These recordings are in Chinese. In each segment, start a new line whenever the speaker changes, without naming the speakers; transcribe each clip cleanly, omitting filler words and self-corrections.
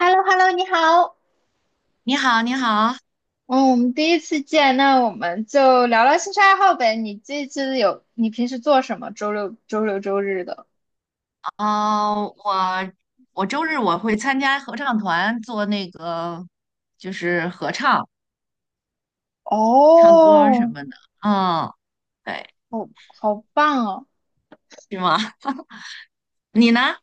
h e l l o 你好。
你好，你好。
嗯，我们第一次见，那我们就聊聊兴趣爱好呗。你这次有，你平时做什么？周六、周日的？
呃，我我周日我会参加合唱团做那个，就是唱歌儿什
哦，
么的。嗯，对。
好棒哦。
是吗？你呢？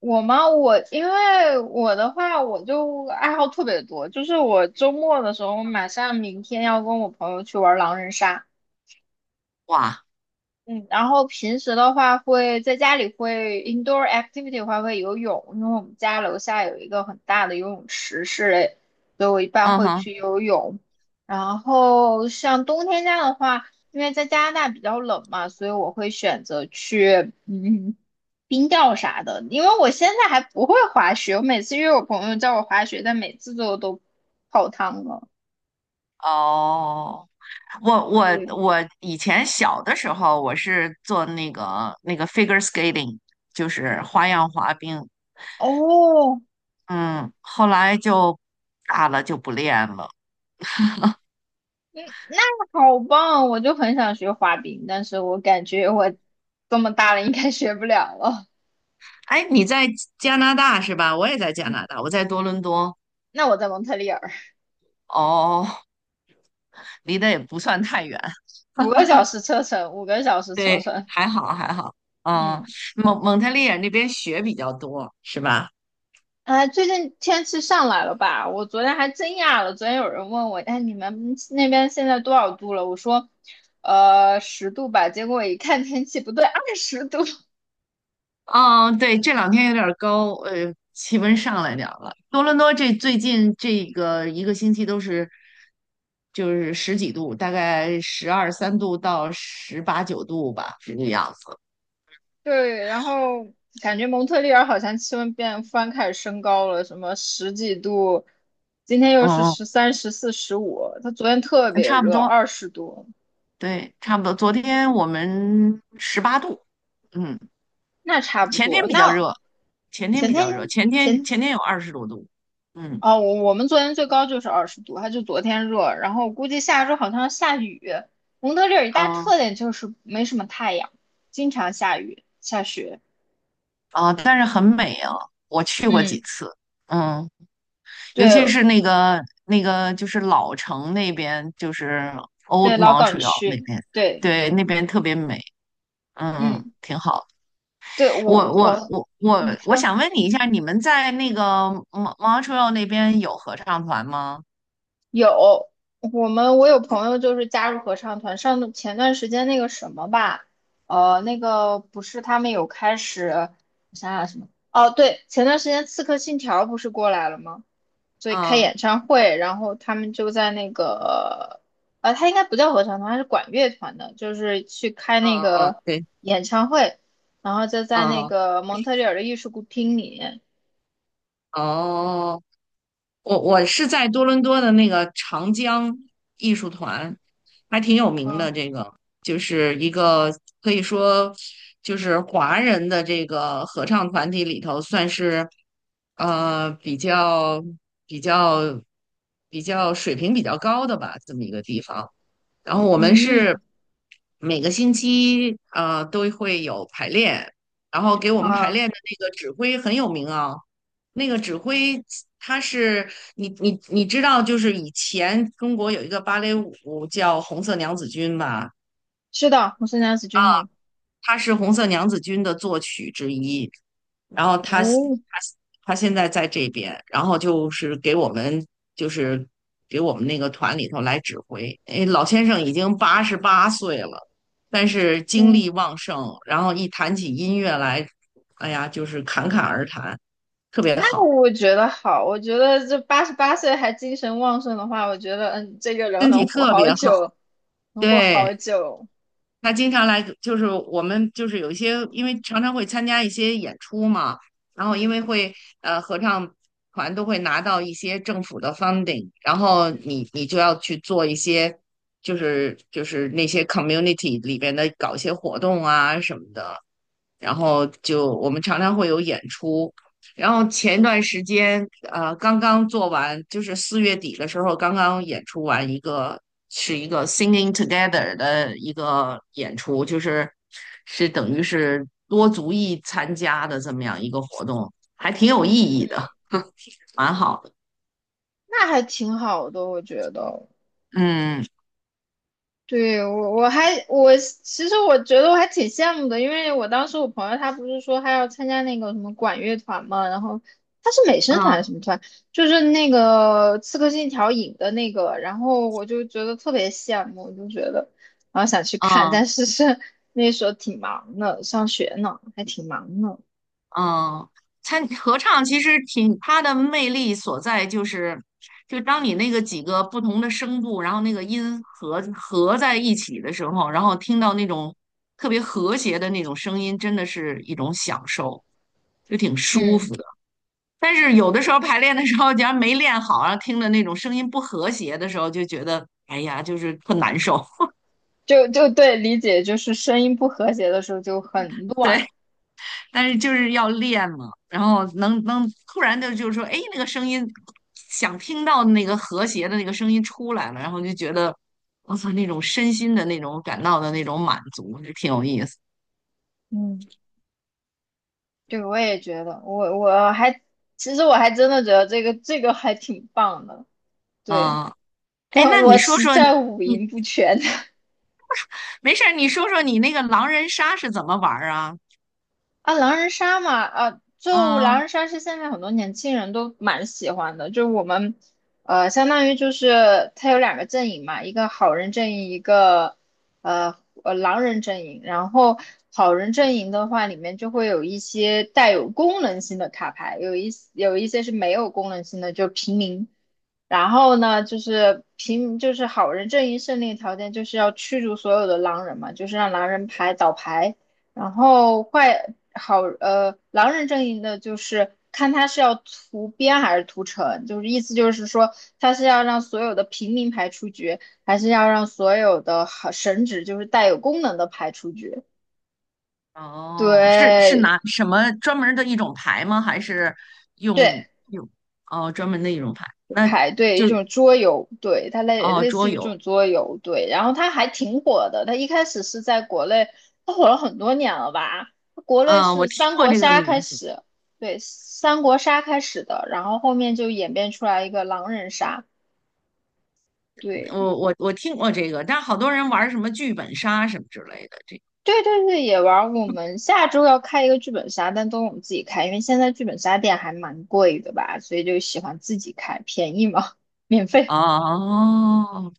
我吗？我因为我的话，我就爱好特别多，就是我周末的时候，马上明天要跟我朋友去玩狼人杀。
哇。
嗯，然后平时的话会在家里会 indoor activity 的话会游泳，因为我们家楼下有一个很大的游泳池室内，所以我一般
嗯
会
哼。
去游泳。然后像冬天家的话，因为在加拿大比较冷嘛，所以我会选择去嗯冰钓啥的。因为我现在还不会滑雪，我每次约我朋友叫我滑雪，但每次都泡汤了。
哦，我我
对，
我以前小的时候我是做那个figure skating，就是花样滑冰。
哦，
嗯，后来就大了就不练了。
那好棒，我就很想学滑冰，但是我感觉我这么大了应该学不了了。
哎，你在加拿大是吧？我也在加
嗯，
拿大，我在多伦多。
那我在蒙特利尔，
哦，离得也不算太远。
五个小时车程，五个小时车
对，
程。
还好还好。嗯，
嗯，
蒙特利尔那边雪比较多，是吧？
哎，最近天气上来了吧？我昨天还真讶了，昨天有人问我，哎，你们那边现在多少度了？我说，十度吧。结果我一看天气不对，二十度。
嗯，对，这两天有点儿高，气温上来点儿了。多伦多这最近这个一个星期都是就是十几度，大概十二三度到十八九度吧，这个样子。
对，然后感觉蒙特利尔好像气温变突然开始升高了，什么十几度，今天又是
嗯，
13、14、15，它昨天特别
差不
热，
多，
二十度，
对，差不多。昨天我们十八度。嗯，
那差不
前
多。
天比较
那
热，
前天
前天
前
前天有二十多度。嗯
哦，我们昨天最高就是二十度，它就昨天热，然后估计下周好像要下雨。蒙特利尔一大
啊。
特点就是没什么太阳，经常下雨下雪。
啊，但是很美啊，我去过
嗯，
几次。嗯，尤其
对
是就是老城那边，就是
对，
Old
老港
Montreal 那
区，
边。
对，
对，那边特别美。嗯嗯，
嗯，
挺好。
对
我
我
我
我。
我
你
我我
说，
想问你一下，你们在那个 Mon- Montreal 那边有合唱团吗？
有，我有朋友就是加入合唱团，前段时间那个什么吧，那个不是他们有开始，我想想什么，哦，对，前段时间《刺客信条》不是过来了吗？所以开演
嗯
唱会，然后他们就在那个，他应该不叫合唱团，他是管乐团的，就是去开那
嗯嗯，
个
对，
演唱会，然后就在那
嗯。
个蒙特利尔的艺术厅里，
哦，我我是在多伦多的那个长江艺术团，还挺有名的。
嗯
这个就是一个可以说就是华人的这个合唱团体里头，算是比较比较比较水平比较高的吧，这么一个地方。然后我们是
嗯
每个星期都会有排练，然后给我
嗯
们排
啊，
练的那个指挥很有名啊。那个指挥他是，你知道，就是以前中国有一个芭蕾舞叫《红色娘子军》吧，
是的，我是梁子君吗？
她是红色娘子军的作曲之一。然后
哦，
他现在在这边，然后就是给我们，就是那个团里头来指挥。哎，老先生已经八十八岁了，但是精
嗯，
力旺盛，然后一谈起音乐来，哎呀，就是侃侃而谈，特别
那
好，
我觉得好，我觉得这88岁还精神旺盛的话，我觉得这个人
身体
能活
特
好
别好。
久，能活好
对。
久，
他经常来，就是我们就是有一些，因为常常会参加一些演出嘛，然后因
嗯
为会合唱团都会拿到一些政府的 funding，然后你就要去做一些，就是那些 community 里边的搞一些活动啊什么的，然后就我们常常会有演出。然后前一段时间，刚刚做完，就是四月底的时候，刚刚演出完一个，是一个 Singing Together 的一个演出，就是是等于是多族裔参加的这么样一个活动，还挺有意
嗯，
义的，蛮好的。
那还挺好的，我觉得。
嗯
对，我其实我觉得我还挺羡慕的，因为我当时我朋友他不是说他要参加那个什么管乐团嘛，然后他是美声团还是
嗯
什么团，就是那个《刺客信条》影的那个，然后我就觉得特别羡慕，我就觉得然后想去看，
嗯。
但是那时候挺忙的，上学呢，还挺忙呢。
嗯，参合唱其实挺，它的魅力所在就是，就当你那个几个不同的声部，然后那个音合在一起的时候，然后听到那种特别和谐的那种声音，真的是一种享受，就挺舒
嗯，
服的。但是有的时候排练的时候，假如没练好，然后听着那种声音不和谐的时候，就觉得哎呀，就是特难受。
就对，理解就是声音不和谐的时候就很乱。
对，但是就是要练嘛，然后能突然的就是说，哎，那个声音想听到那个和谐的那个声音出来了，然后就觉得我操，那种身心的那种感到的那种满足，就挺有意思。
嗯。对，我也觉得，我我还其实我还真的觉得这个还挺棒的，对，
嗯，哎，
但
那你
我
说
实
说
在五
你
音不全。
没事儿，你说说你那个狼人杀是怎么玩儿啊？
啊，狼人杀嘛，啊，就狼
嗯，
人杀是现在很多年轻人都蛮喜欢的，就是我们，相当于就是它有2个阵营嘛，一个好人阵营，一个呃狼人阵营。然后好人阵营的话，里面就会有一些带有功能性的卡牌，有一些是没有功能性的，就平民。然后呢，就是平就是好人阵营胜利条件就是要驱逐所有的狼人嘛，就是让狼人牌倒牌。然后坏好呃，狼人阵营的就是看他是要屠边还是屠城，就是意思就是说他是要让所有的平民牌出局，还是要让所有的好神职就是带有功能的牌出局？
哦，是是
对
拿什么专门儿的一种牌吗？还是用
对，
用哦专门的一种牌？那
排队一种桌游，对，它类
哦
类似
桌
于这
游。
种桌游，对，然后它还挺火的，它一开始是在国内，它火了很多年了吧？国内
嗯，我
是
听
三
过
国
这个
杀开
名字。
始，对，三国杀开始的，然后后面就演变出来一个狼人杀，对，
我听过这个，但好多人玩什么剧本杀什么之类的，这
对对对，也玩儿。我们下周要开一个剧本杀，但都我们自己开，因为现在剧本杀店还蛮贵的吧，所以就喜欢自己开，便宜嘛，免费，
哦，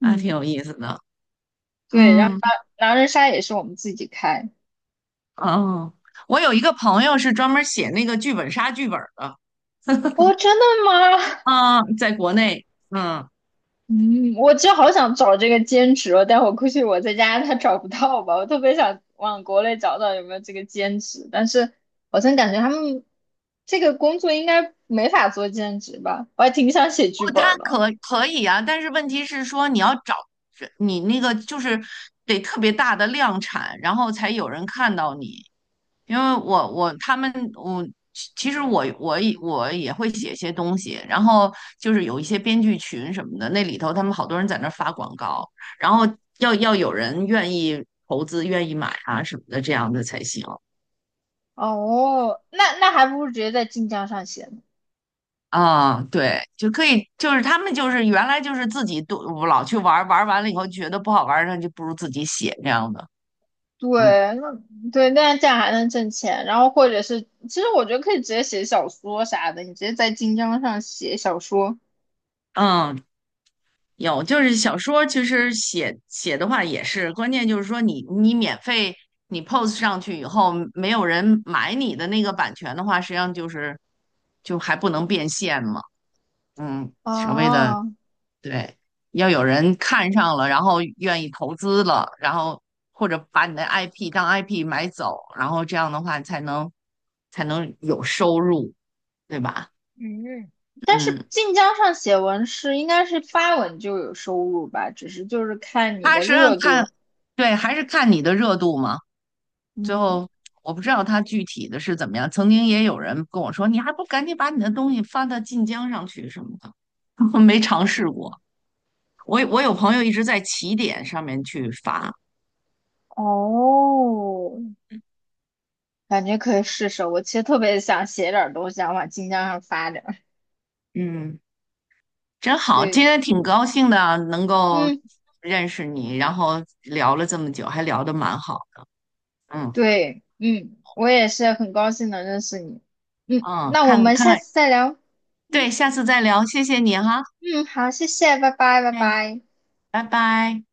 还挺有意思的。
对，然后
嗯，
狼人杀也是我们自己开。
哦，我有一个朋友是专门写那个剧本杀剧本儿的。
哦，真的吗？
啊，在国内。嗯，
嗯，我就好想找这个兼职哦，但我估计我在家他找不到吧。我特别想往国内找找有没有这个兼职，但是好像感觉他们这个工作应该没法做兼职吧。我还挺想写剧
不，
本
他
儿的。
可以啊，但是问题是说你要找你那个就是得特别大的量产，然后才有人看到你。因为他们其实我我也会写一些东西，然后就是有一些编剧群什么的，那里头他们好多人在那儿发广告，然后有人愿意投资、愿意买啊什么的，这样的才行。
哦，那还不如直接在晋江上写呢。
啊，对，就可以，就是他们就是原来就是自己都老去玩儿，玩儿完了以后觉得不好玩儿，那就不如自己写这样的。嗯
对，那对，那这样还能挣钱。然后或者是，其实我觉得可以直接写小说啥的，你直接在晋江上写小说。
嗯，有，就是小说，其实写写的话也是，关键就是说你免费你 post 上去以后，没有人买你的那个版权的话，实际上就是还不能变现嘛。嗯，稍微的，
啊。
对，要有人看上了，然后愿意投资了，然后或者把你的 IP 当 IP 买走，然后这样的话才能有收入，对吧？
嗯，但是
嗯，
晋江上写文是应该是发文就有收入吧，只是就是看你
他
的
实际
热
上看，
度。
对，还是看你的热度嘛。最
嗯，
后我不知道他具体的是怎么样。曾经也有人跟我说，你还不赶紧把你的东西发到晋江上去什么的，没尝试过。我我有朋友一直在起点上面去发。
哦，感觉可以试试。我其实特别想写点儿东西，想往晋江上发点儿。
嗯，真好，
对，
今天挺高兴的能够
嗯，
认识你，然后聊了这么久，还聊得蛮好。嗯
对，嗯，我也是很高兴能认识你。嗯，
嗯，
那我
看
们
看
下
看，
次再聊。
对，
嗯
下次再聊，谢谢你哈。
嗯，好，谢谢，拜拜，拜
哎，
拜。
拜拜。